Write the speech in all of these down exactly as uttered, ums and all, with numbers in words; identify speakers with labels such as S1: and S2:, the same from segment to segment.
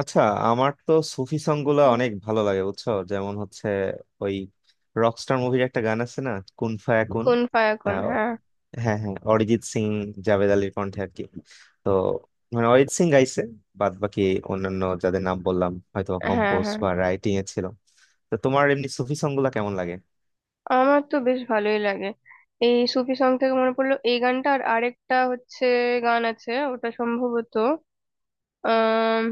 S1: আচ্ছা, আমার তো সুফি সং গুলা অনেক ভালো লাগে, বুঝছো? যেমন হচ্ছে ওই রকস্টার মুভির একটা গান আছে না, কুন ফায়া কুন।
S2: কোন ফায়াকুন,
S1: আহ,
S2: হ্যাঁ
S1: হ্যাঁ হ্যাঁ, অরিজিৎ সিং, জাভেদ আলীর কণ্ঠে আর কি। তো মানে অরিজিৎ সিং গাইছে, বাদ বাকি অন্যান্য যাদের নাম বললাম হয়তো
S2: হ্যাঁ
S1: কম্পোজ
S2: হ্যাঁ।
S1: বা রাইটিং এ ছিল। তো তোমার এমনি সুফি সং গুলা কেমন লাগে?
S2: আমার তো বেশ ভালোই লাগে। এই সুফি সং থেকে মনে পড়লো এই গানটা। আর আরেকটা হচ্ছে গান আছে, ওটা সম্ভবত আহ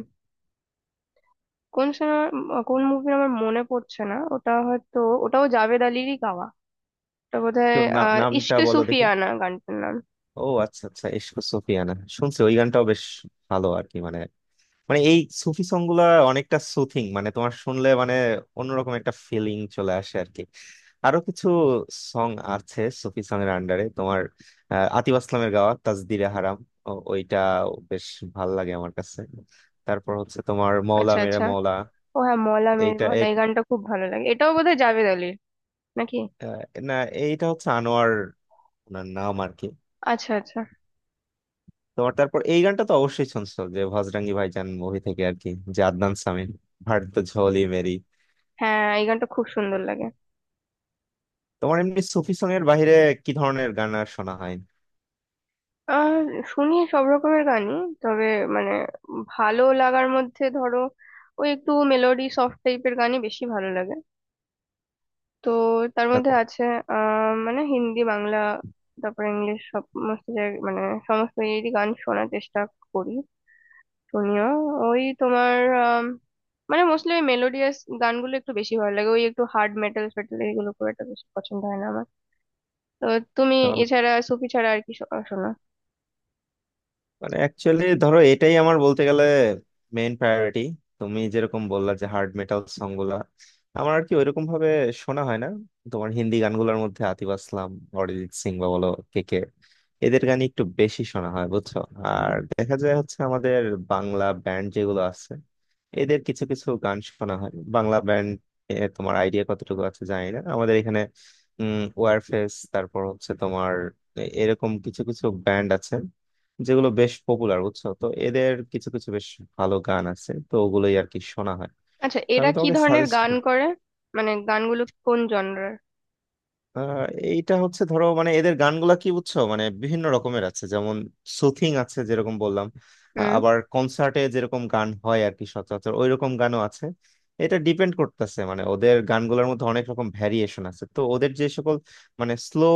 S2: কোন সিনেমা, কোন মুভির আমার মনে পড়ছে না। ওটা হয়তো ওটাও জাভেদ আলিরই গাওয়া। ওটা বোধহয়
S1: তো না-
S2: আহ
S1: নামটা
S2: ইশকে
S1: বলো দেখি।
S2: সুফিয়ানা গানটার নাম।
S1: ও আচ্ছা আচ্ছা, ইশক সুফিয়ানা শুনছি, ওই গানটাও বেশ ভালো আর কি। মানে, মানে এই সুফি সং গুলা অনেকটা সুথিং, মানে তোমার শুনলে মানে অন্যরকম একটা ফিলিং চলে আসে আর কি। আরো কিছু সং আছে সুফি সং এর আন্ডারে তোমার? আহ, আতিফ আসলামের গাওয়া তাজদিরে হারাম, ও- ওইটা বেশ ভাল লাগে আমার কাছে। তারপর হচ্ছে তোমার মৌলা
S2: আচ্ছা
S1: মেরে
S2: আচ্ছা।
S1: মৌলা।
S2: ও হ্যাঁ, মলা মের
S1: এইটা
S2: মলা,
S1: এ-
S2: এই গানটা খুব ভালো লাগে, এটাও বোধহয় জাভেদ আলির নাকি।
S1: আহ, না, এইটা হচ্ছে আনোয়ার, ওনার নাম আর কি।
S2: আচ্ছা আচ্ছা।
S1: তোমার তারপর এই গানটা তো অবশ্যই শুনছো, যে ভজরাঙ্গি ভাইজান মুভি থেকে আর কি, যে আদনান সামির ভাট তো ঝোলি মেরি।
S2: হ্যাঁ এই গানটা খুব সুন্দর লাগে।
S1: তোমার এমনি সুফি সং এর বাইরে কি ধরনের গান আর শোনা হয়?
S2: আহ শুনি সব রকমের গানই। তবে মানে ভালো লাগার মধ্যে ধরো ওই একটু মেলোডি সফট টাইপের গানই বেশি ভালো লাগে। তো তার
S1: তা-
S2: মধ্যে আছে আহ মানে হিন্দি, বাংলা, তারপর ইংলিশ, সমস্ত জায়গায় মানে সমস্ত ইয়েরই গান শোনার চেষ্টা করি, শুনিও। ওই তোমার আম, মানে মোস্টলি ওই মেলোডিয়াস গানগুলো একটু বেশি ভালো লাগে। ওই একটু হার্ড মেটাল ফেটাল এগুলো খুব একটা বেশি পছন্দ হয় না আমার। তো তুমি
S1: তাহলে
S2: এছাড়া সুফি ছাড়া আর কি শো- শোনো?
S1: মানে অ্যাকচুয়ালি ধরো, এটাই আমার বলতে গেলে মেইন প্রায়োরিটি। তুমি যেরকম বললা যে হার্ড মেটাল সং গুলা, আমার আর কি ওইরকম ভাবে শোনা হয় না। তোমার হিন্দি গানগুলোর মধ্যে আতিফ আসলাম, অরিজিৎ সিং বা বলো কে কে, এদের গানই একটু বেশি শোনা হয় বুঝছো। আর দেখা যায় হচ্ছে আমাদের বাংলা ব্যান্ড যেগুলো আছে, এদের কিছু কিছু গান শোনা হয়। বাংলা ব্যান্ড তোমার আইডিয়া কতটুকু আছে জানি না, আমাদের এখানে উম ওয়ারফেস, তারপর হচ্ছে তোমার এ- এরকম কিছু কিছু ব্যান্ড আছে যেগুলো বেশ পপুলার বুঝছো। তো এদের কিছু কিছু বেশ ভালো গান আছে, তো ওগুলোই আর কি শোনা হয়।
S2: আচ্ছা,
S1: তো
S2: এরা
S1: আমি
S2: কি
S1: তোমাকে
S2: ধরনের
S1: সাজেস্ট
S2: গান
S1: করি।
S2: করে? মানে গানগুলো কোন জনরার?
S1: আহ, এইটা হচ্ছে ধরো মানে এদের গানগুলা কি বুঝছো, মানে বিভিন্ন রকমের আছে যেমন সুথিং আছে যেরকম বললাম। আহ,
S2: হুম।
S1: আবার কনসার্টে যেরকম গান হয় আর কি, সচরাচর ওই রকম গানও আছে। এটা ডিপেন্ড করতেছে, মানে ওদের গানগুলোর মধ্যে অনেক রকম ভ্যারিয়েশন আছে, তো ওদের যে সকল মানে স্লো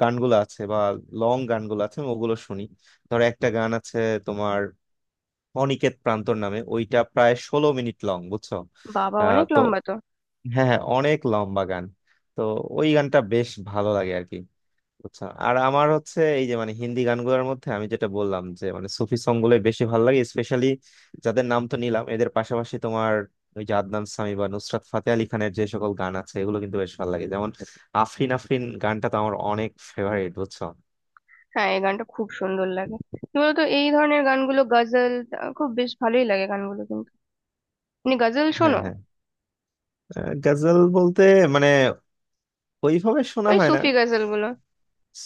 S1: গানগুলো আছে বা লং গানগুলো আছে আমি ওগুলো শুনি। ধরো একটা গান আছে তোমার, অনিকেত প্রান্তর নামে, ওইটা প্রায় ষোলো মিনিট লং, বুঝছো।
S2: বাবা
S1: আহ,
S2: অনেক
S1: তো
S2: লম্বা তো।
S1: হ্যাঁ হ্যাঁ, অনেক লম্বা গান। তো ওই গানটা বেশ ভালো লাগে আর কি, বুঝছো। আর আমার হচ্ছে এই যে মানে হিন্দি গানগুলোর মধ্যে আমি যেটা বললাম যে মানে সুফি সং গুলো বেশি ভালো লাগে স্পেশালি। যাদের নাম তো নিলাম, এদের পাশাপাশি তোমার ওই যে আদনান সামি বা নুসরাত ফাতে আলি খানের যে সকল গান আছে এগুলো কিন্তু বেশ ভালো লাগে। যেমন আফরিন আফরিন গানটা তো আমার অনেক ফেভারিট, বুঝছো।
S2: হ্যাঁ এই গানটা খুব সুন্দর লাগে। কি বলতো এই ধরনের গানগুলো গজল, আহ, খুব বেশ ভালোই লাগে গানগুলো, কিন্তু তুমি গজল
S1: হ্যাঁ
S2: শোনো?
S1: হ্যাঁ, আহ, গজল বলতে মানে ওইভাবে শোনা
S2: ওই
S1: হয় না।
S2: সুফি গজল গুলো?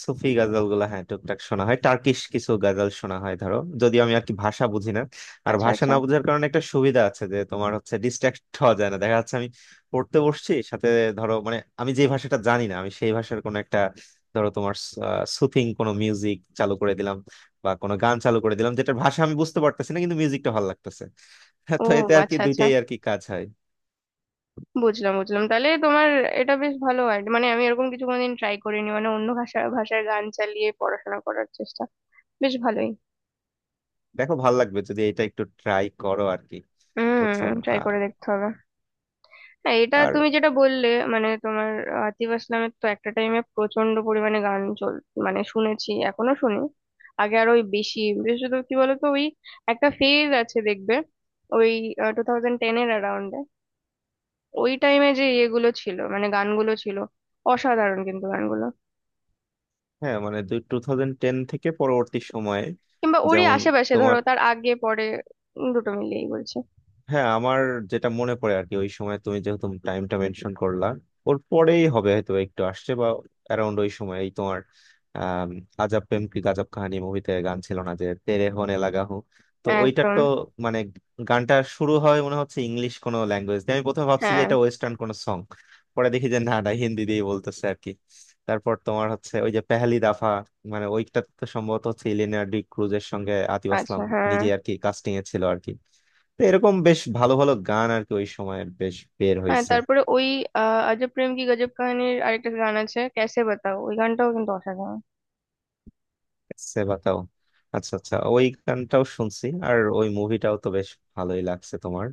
S1: সুফি গাজাল গুলা হ্যাঁ টুকটাক শোনা হয়, টার্কিশ কিছু গাজাল শোনা হয় ধরো, যদিও আমি আর কি ভাষা বুঝি না। আর
S2: আচ্ছা
S1: ভাষা
S2: আচ্ছা।
S1: না বোঝার কারণে একটা সুবিধা আছে, যে তোমার হচ্ছে ডিস্ট্রাক্ট হওয়া যায় না, দেখা যাচ্ছে আমি পড়তে বসছি সাথে, ধরো মানে আমি যে ভাষাটা জানি না, আমি সেই ভাষার কোনো একটা, ধরো তোমার সুথিং কোনো মিউজিক চালু করে দিলাম বা কোনো গান চালু করে দিলাম যেটার ভাষা আমি বুঝতে পারতেছি না কিন্তু মিউজিকটা ভালো লাগতেছে। হ্যাঁ,
S2: ও
S1: তো এতে আর কি
S2: আচ্ছা আচ্ছা,
S1: দুইটাই আর কি কাজ হয়।
S2: বুঝলাম বুঝলাম। তাহলে তোমার এটা বেশ ভালো আইডিয়া, মানে আমি এরকম কিছু কোনোদিন ট্রাই করিনি, মানে অন্য ভাষা ভাষার গান চালিয়ে পড়াশোনা করার চেষ্টা। বেশ ভালোই।
S1: দেখো ভালো লাগবে যদি এটা একটু ট্রাই করো আর কি, বুঝছো।
S2: হুম, ট্রাই করে দেখতে হবে। হ্যাঁ, এটা
S1: আর
S2: তুমি যেটা বললে, মানে তোমার আতিফ আসলামের তো একটা টাইমে প্রচন্ড পরিমাণে গান চল, মানে শুনেছি এখনো শুনি। আগে আরো ওই বেশি। বিশেষত কি বলতো ওই একটা ফেজ আছে দেখবে, ওই টু থাউজেন্ড টেন এর অ্যারাউন্ডে, ওই টাইমে যে ইয়েগুলো ছিল মানে গানগুলো ছিল অসাধারণ, কিন্তু গানগুলো
S1: হ্যাঁ, মানে দুই টু থাউজেন্ড টেন থেকে পরবর্তী সময়ে,
S2: কিংবা ওরই
S1: যেমন
S2: আশেপাশে
S1: তোমার,
S2: ধরো, তার আগে পরে। উম, দুটো মিলিয়েই বলছি।
S1: হ্যাঁ আমার যেটা মনে পড়ে আর কি, ওই সময় তুমি যেহেতু টাইমটা মেনশন করলা, ওর পরেই হবে হয়তো একটু আসছে বা অ্যারাউন্ড ওই সময় এই তোমার, আম, আজাব প্রেম কি গাজব কাহানি মুভিতে গান ছিল না, যে তেরে হোনে লাগা হো? তো ওইটার
S2: একদম।
S1: তো মানে গানটা শুরু হয় মনে হচ্ছে ইংলিশ কোনো ল্যাঙ্গুয়েজ দিয়ে, আমি প্রথমে ভাবছি যে
S2: হ্যাঁ।
S1: এটা ওয়েস্টার্ন কোনো সং, পরে দেখি যে না না হিন্দি দিয়েই বলতেছে আর কি। তারপর তোমার হচ্ছে ওই যে পেহলি দাফা, মানে ওইটা তো সম্ভবত হচ্ছে ইলিয়ানা ডি ক্রুজের সঙ্গে আতিফ
S2: আচ্ছা
S1: আসলাম
S2: হ্যাঁ
S1: নিজে আর কি কাস্টিং এ ছিল আর কি। তো এরকম বেশ ভালো ভালো গান আর কি ওই সময়ের বেশ বের
S2: হ্যাঁ,
S1: হয়েছে।
S2: তারপরে ওই আহ আজব প্রেম কি গজব কাহিনীর আরেকটা গান আছে, ক্যাসে বাতাও, ওই গানটাও কিন্তু অসাধারণ।
S1: সে বাতাও, আচ্ছা আচ্ছা, ওই গানটাও শুনছি। আর ওই মুভিটাও তো বেশ ভালোই লাগছে তোমার।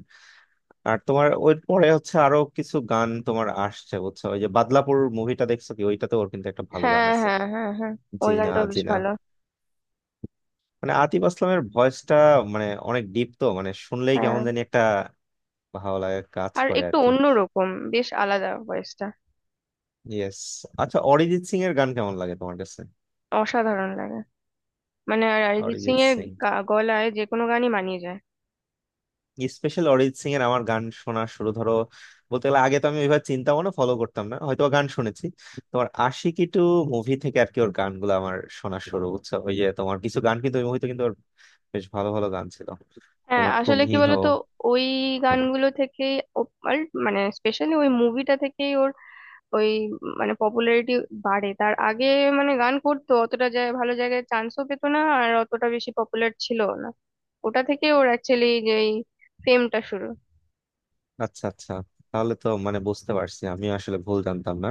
S1: আর তোমার ওই পরে হচ্ছে আরো কিছু গান তোমার আসছে বুঝছো, ওই যে বাদলাপুর মুভিটা দেখছো কি? ওইটাতে ওর কিন্তু একটা ভালো গান
S2: হ্যাঁ
S1: আছে,
S2: হ্যাঁ হ্যাঁ হ্যাঁ, ওই
S1: জিনা
S2: গানটাও বেশ
S1: জিনা।
S2: ভালো।
S1: মানে আতিফ আসলামের ভয়েসটা মানে অনেক ডিপ, তো মানে শুনলেই কেমন
S2: হ্যাঁ,
S1: জানি একটা ভালো লাগে কাজ
S2: আর
S1: করে আর
S2: একটু
S1: কি।
S2: অন্যরকম, বেশ আলাদা ভয়েসটা।
S1: ইয়েস। আচ্ছা, অরিজিৎ সিং এর গান কেমন লাগে তোমার কাছে?
S2: অসাধারণ লাগে, মানে আর অরিজিৎ সিং
S1: অরিজিৎ
S2: এর
S1: সিং,
S2: গা- গলায় যে কোনো গানই মানিয়ে যায়।
S1: স্পেশাল অরিজিৎ সিং এর আমার গান শোনা শুরু ধরো বলতে গেলে, আগে তো আমি ওইভাবে চিন্তা ভাবনা ফলো করতাম না, হয়তো বা গান শুনেছি। তোমার আশিকি টু মুভি থেকে আর কি ওর গানগুলো আমার শোনা শুরু বুঝছো, ওই যে তোমার কিছু গান কিন্তু ওই মুভিতে কিন্তু ওর বেশ ভালো ভালো গান ছিল।
S2: হ্যাঁ
S1: তোমার
S2: আসলে
S1: তুমি
S2: কি
S1: হো।
S2: বলতো ওই গানগুলো থেকেই ও- আর মানে স্পেশালি ওই মুভিটা থেকেই ওর ওই মানে পপুলারিটি বাড়ে। তার আগে মানে গান করতো, অতটা জায়গায় ভালো জায়গায় চান্সও পেতো না, আর অতটা বেশি পপুলার ছিল না। ওটা থেকে ওর অ্যাকচুয়ালি যে ফেমটা শুরু।
S1: আচ্ছা আচ্ছা, তাহলে তো মানে বুঝতে পারছি, আমি আসলে ভুল জানতাম না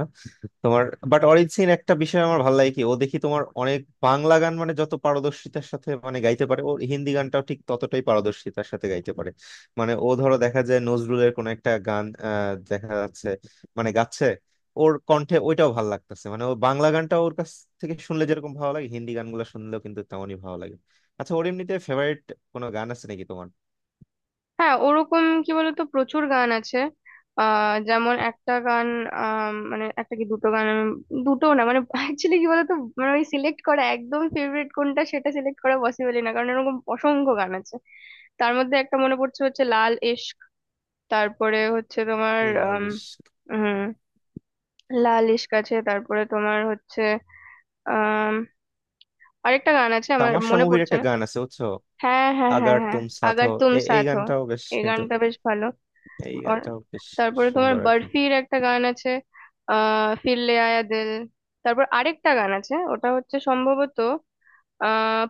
S1: তোমার। বাট অরিজিন একটা বিষয় আমার ভালো লাগে কি, ও দেখি তোমার অনেক বাংলা গান মানে যত পারদর্শিতার সাথে মানে গাইতে পারে, ও হিন্দি গানটাও ঠিক ততটাই পারদর্শিতার সাথে গাইতে পারে। মানে ও ধরো দেখা যায় নজরুলের কোন একটা গান, আহ, দেখা যাচ্ছে মানে গাচ্ছে ওর কণ্ঠে, ওইটাও ভালো লাগতেছে। মানে ও বাংলা গানটাও ওর কাছ থেকে শুনলে যেরকম ভালো লাগে, হিন্দি গানগুলো শুনলেও কিন্তু তেমনই ভালো লাগে। আচ্ছা ওর এমনিতে ফেভারিট কোনো গান আছে নাকি তোমার?
S2: হ্যাঁ, ওরকম কি বলতো প্রচুর গান আছে। আহ যেমন একটা গান, আম, মানে একটা কি দুটো গান আমি, দুটো না, মানে অ্যাকচুয়ালি কি বলতো, মানে ওই সিলেক্ট করা একদম ফেভারিট কোনটা সেটা সিলেক্ট করা পসিবলই না, কারণ এরকম অসংখ্য গান আছে। তার মধ্যে একটা মনে পড়ছে হচ্ছে লাল ইশক। তারপরে হচ্ছে তোমার
S1: লালিশ,
S2: আম, লাল ইশক আছে, তারপরে তোমার হচ্ছে আম, আরেকটা গান আছে আমার
S1: তামাশা
S2: মনে
S1: মুভির
S2: পড়ছে
S1: একটা
S2: না।
S1: গান আছে বুঝছো,
S2: হ্যাঁ হ্যাঁ হ্যাঁ
S1: আগার
S2: হ্যাঁ,
S1: তুম সাথ
S2: আগার
S1: হো।
S2: তুম
S1: এ- এই
S2: সাথ হো,
S1: গানটাও বেশ
S2: এই
S1: কিন্তু,
S2: গানটা বেশ ভালো।
S1: এই
S2: আর
S1: গানটা বেশ
S2: তারপরে তোমার
S1: সুন্দর আর কি।
S2: বরফির একটা গান আছে, আহ ফির লে আয়া দিল। তারপর আরেকটা গান আছে, ওটা হচ্ছে সম্ভবত আহ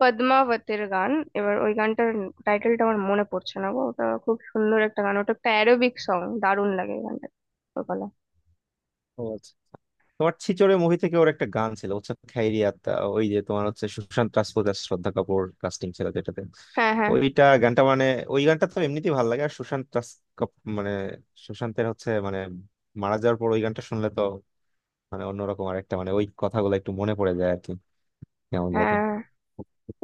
S2: পদ্মাবতের গান। এবার ওই গানটার টাইটেলটা আমার মনে পড়ছে না গো। ওটা খুব সুন্দর একটা গান, ওটা একটা অ্যারোবিক সং, দারুণ লাগে এই গানটা, ওর গলা।
S1: ও আচ্ছা। তোমার ছিচড়ে মুভি থেকে ওর একটা গান ছিল হচ্ছে খাইরিয়াতা, ওই যে তোমার হচ্ছে সুশান্ত রাজপুত আর শ্রদ্ধা কাপুর কাস্টিং ছিল যেটাতে।
S2: হ্যাঁ হ্যাঁ
S1: ওইটা গানটা মানে ওই গানটা তো এমনিতেই ভালো লাগে। আর সুশান্ত রাজ কাপ- মানে সুশান্তের হচ্ছে মানে মারা যাওয়ার পর ওই গানটা শুনলে তো মানে অন্যরকম আর একটা মানে ওই কথাগুলো একটু মনে পড়ে যায় আর কি, কেমন জানি।
S2: হ্যাঁ।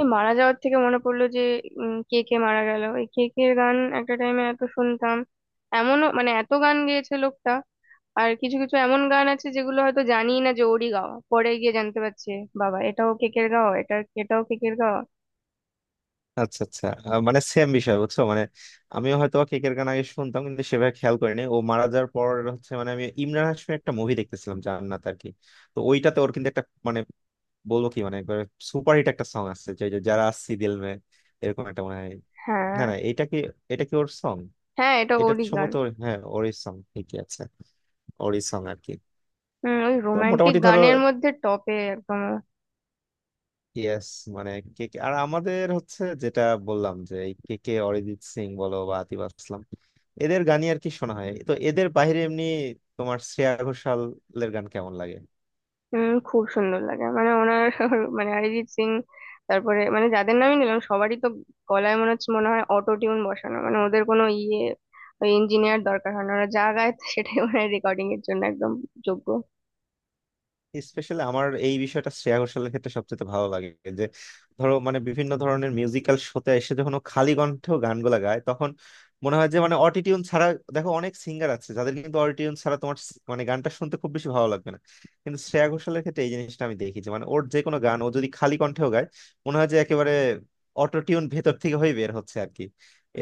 S2: এই মারা যাওয়ার থেকে মনে পড়লো যে উম, কে কে মারা গেল, এই কে কে গান একটা টাইমে এত শুনতাম। এমনও মানে এত গান গেয়েছে লোকটা, আর কিছু কিছু এমন গান আছে যেগুলো হয়তো জানি না যে ওরই গাওয়া, পরে গিয়ে জানতে পারছে বাবা এটাও কেকের গাওয়া। এটা এটাও কেকের গাওয়া।
S1: আচ্ছা আচ্ছা, আহ, মানে সেম বিষয় বুঝছো মানে। আমিও হয়তো বা কেকের গান আগে শুনতাম কিন্তু সেভাবে খেয়াল করিনি, ও মারা যাওয়ার পর হচ্ছে মানে আমি ইমরান হাশমির একটা মুভি দেখতেছিলাম, জান্নাত আর কি। তো ওইটাতে ওর কিন্তু একটা মানে বলবো কি মানে একবার সুপারহিট একটা সং আছে যে যে যারা আসছি দিল মে, এরকম একটা মনে হয়।
S2: হ্যাঁ
S1: না না, এটা কি, এটা কি ওর সং?
S2: হ্যাঁ, এটা
S1: এটা
S2: ওরই গান।
S1: সম্ভবত ওর- হ্যাঁ, ওরই সং ঠিকই আছে, ওরই সং আর কি।
S2: হম, ওই
S1: তো
S2: রোমান্টিক
S1: মোটামুটি ধরো,
S2: গানের মধ্যে টপে একদম।
S1: ইয়েস, মানে কেকে আর আমাদের হচ্ছে যেটা বললাম যে এই কেকে, অরিজিৎ সিং বলো বা আতিফ আসলাম, এদের গানই আর কি শোনা হয়। তো এদের বাইরে এমনি তোমার শ্রেয়া ঘোষালের গান কেমন লাগে?
S2: উম খুব সুন্দর লাগে মানে ওনার মানে অরিজিৎ সিং, তারপরে মানে যাদের নামই নিলাম সবারই তো গলায় মনে হচ্ছে মনে হয় অটো টিউন বসানো, মানে ওদের কোনো ইয়ে ইঞ্জিনিয়ার দরকার হয় না, ওরা যা গায় সেটাই ওনার রেকর্ডিং এর জন্য একদম যোগ্য।
S1: স্পেশালি আমার এই বিষয়টা শ্রেয়া ঘোষালের ক্ষেত্রে সবচেয়ে ভালো লাগে যে, ধরো মানে বিভিন্ন ধরনের মিউজিক্যাল শোতে এসে যখন ও খালি কণ্ঠে গানগুলা গায় তখন মনে হয় যে মানে অটিটিউন ছাড়া। দেখো অনেক সিঙ্গার আছে যাদের কিন্তু অটিটিউন ছাড়া তোমার স- মানে গানটা শুনতে খুব বেশি ভালো লাগবে না, কিন্তু শ্রেয়া ঘোষালের ক্ষেত্রে এই জিনিসটা আমি দেখি যে মানে ওর যে কোনো গান ও যদি খালি কণ্ঠেও গায় মনে হয় যে একেবারে অটোটিউন ভেতর থেকে হয়ে বের হচ্ছে আর কি,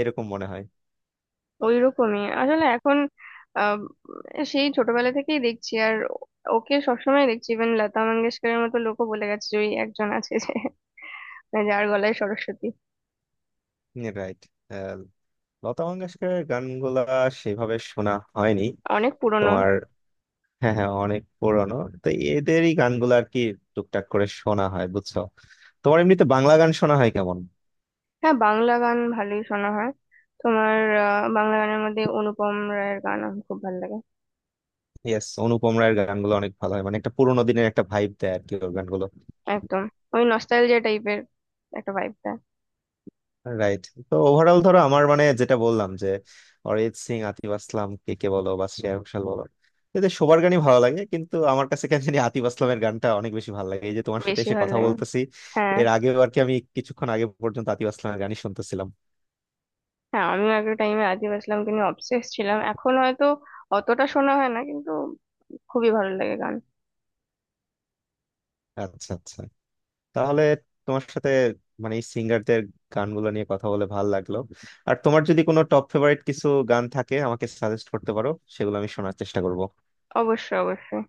S1: এরকম মনে হয়।
S2: ওইরকমই আসলে এখন, আহ, সেই ছোটবেলা থেকেই দেখছি আর ওকে সবসময় দেখছি। ইভেন লতা মঙ্গেশকরের মতো লোকও বলে গেছে যে ওই একজন আছে যে মানে যার গলায় সরস্বতী।
S1: রাইট, লতা মঙ্গেশকরের গানগুলা সেভাবে শোনা হয়নি
S2: অনেক পুরনো।
S1: তোমার। হ্যাঁ হ্যাঁ, অনেক পুরনো। তো এদেরই গানগুলো আর কি টুকটাক করে শোনা হয় বুঝছো। তোমার এমনিতে বাংলা গান শোনা হয় কেমন?
S2: হ্যাঁ বাংলা গান ভালোই শোনা হয় তোমার। আহ, বাংলা গানের মধ্যে অনুপম রায়ের গান আমার খুব ভালো লাগে।
S1: ইয়েস, অনুপম রায়ের গানগুলো অনেক ভালো হয়, মানে একটা পুরোনো দিনের একটা ভাইব দেয় আর কি ওর গানগুলো।
S2: একদম ওই নস্টালজিয়া টাইপের একটা ভাইব দেয়।
S1: রাইট, তো ওভারঅল ধরো আমার মানে যেটা বললাম যে অরিজিৎ সিং, আতিফ আসলাম, কে কে বলো বা শ্রেয়া ঘোষাল বলো, এদের সবার গানই ভালো লাগে কিন্তু আমার কাছে কেন জানি আতিফ আসলামের গানটা অনেক বেশি ভালো লাগে। এই যে তোমার সাথে
S2: বেশি
S1: এসে
S2: ভালো
S1: কথা
S2: লাগে।
S1: বলতেছি,
S2: হ্যাঁ
S1: এর আগেও আর কি আমি কিছুক্ষণ আগে পর্যন্ত আতিফ আসলামের গানই শুনতেছিলাম।
S2: হ্যাঁ, আমিও একটা টাইমে আতিফ আসলামকে নিয়ে অবসেস ছিলাম, এখন হয়তো অতটা শোনা হয় না, কিন্তু খুবই ভালো লাগে গান।
S1: আচ্ছা আচ্ছা, তাহলে তোমার সাথে মানে এই সিঙ্গারদের গানগুলো নিয়ে কথা বলে ভালো লাগলো। আর তোমার যদি কোনো টপ ফেভারিট কিছু গান থাকে আমাকে সাজেস্ট করতে পারো, সেগুলো আমি শোনার চেষ্টা করব।
S2: অবশ্যই অবশ্যই।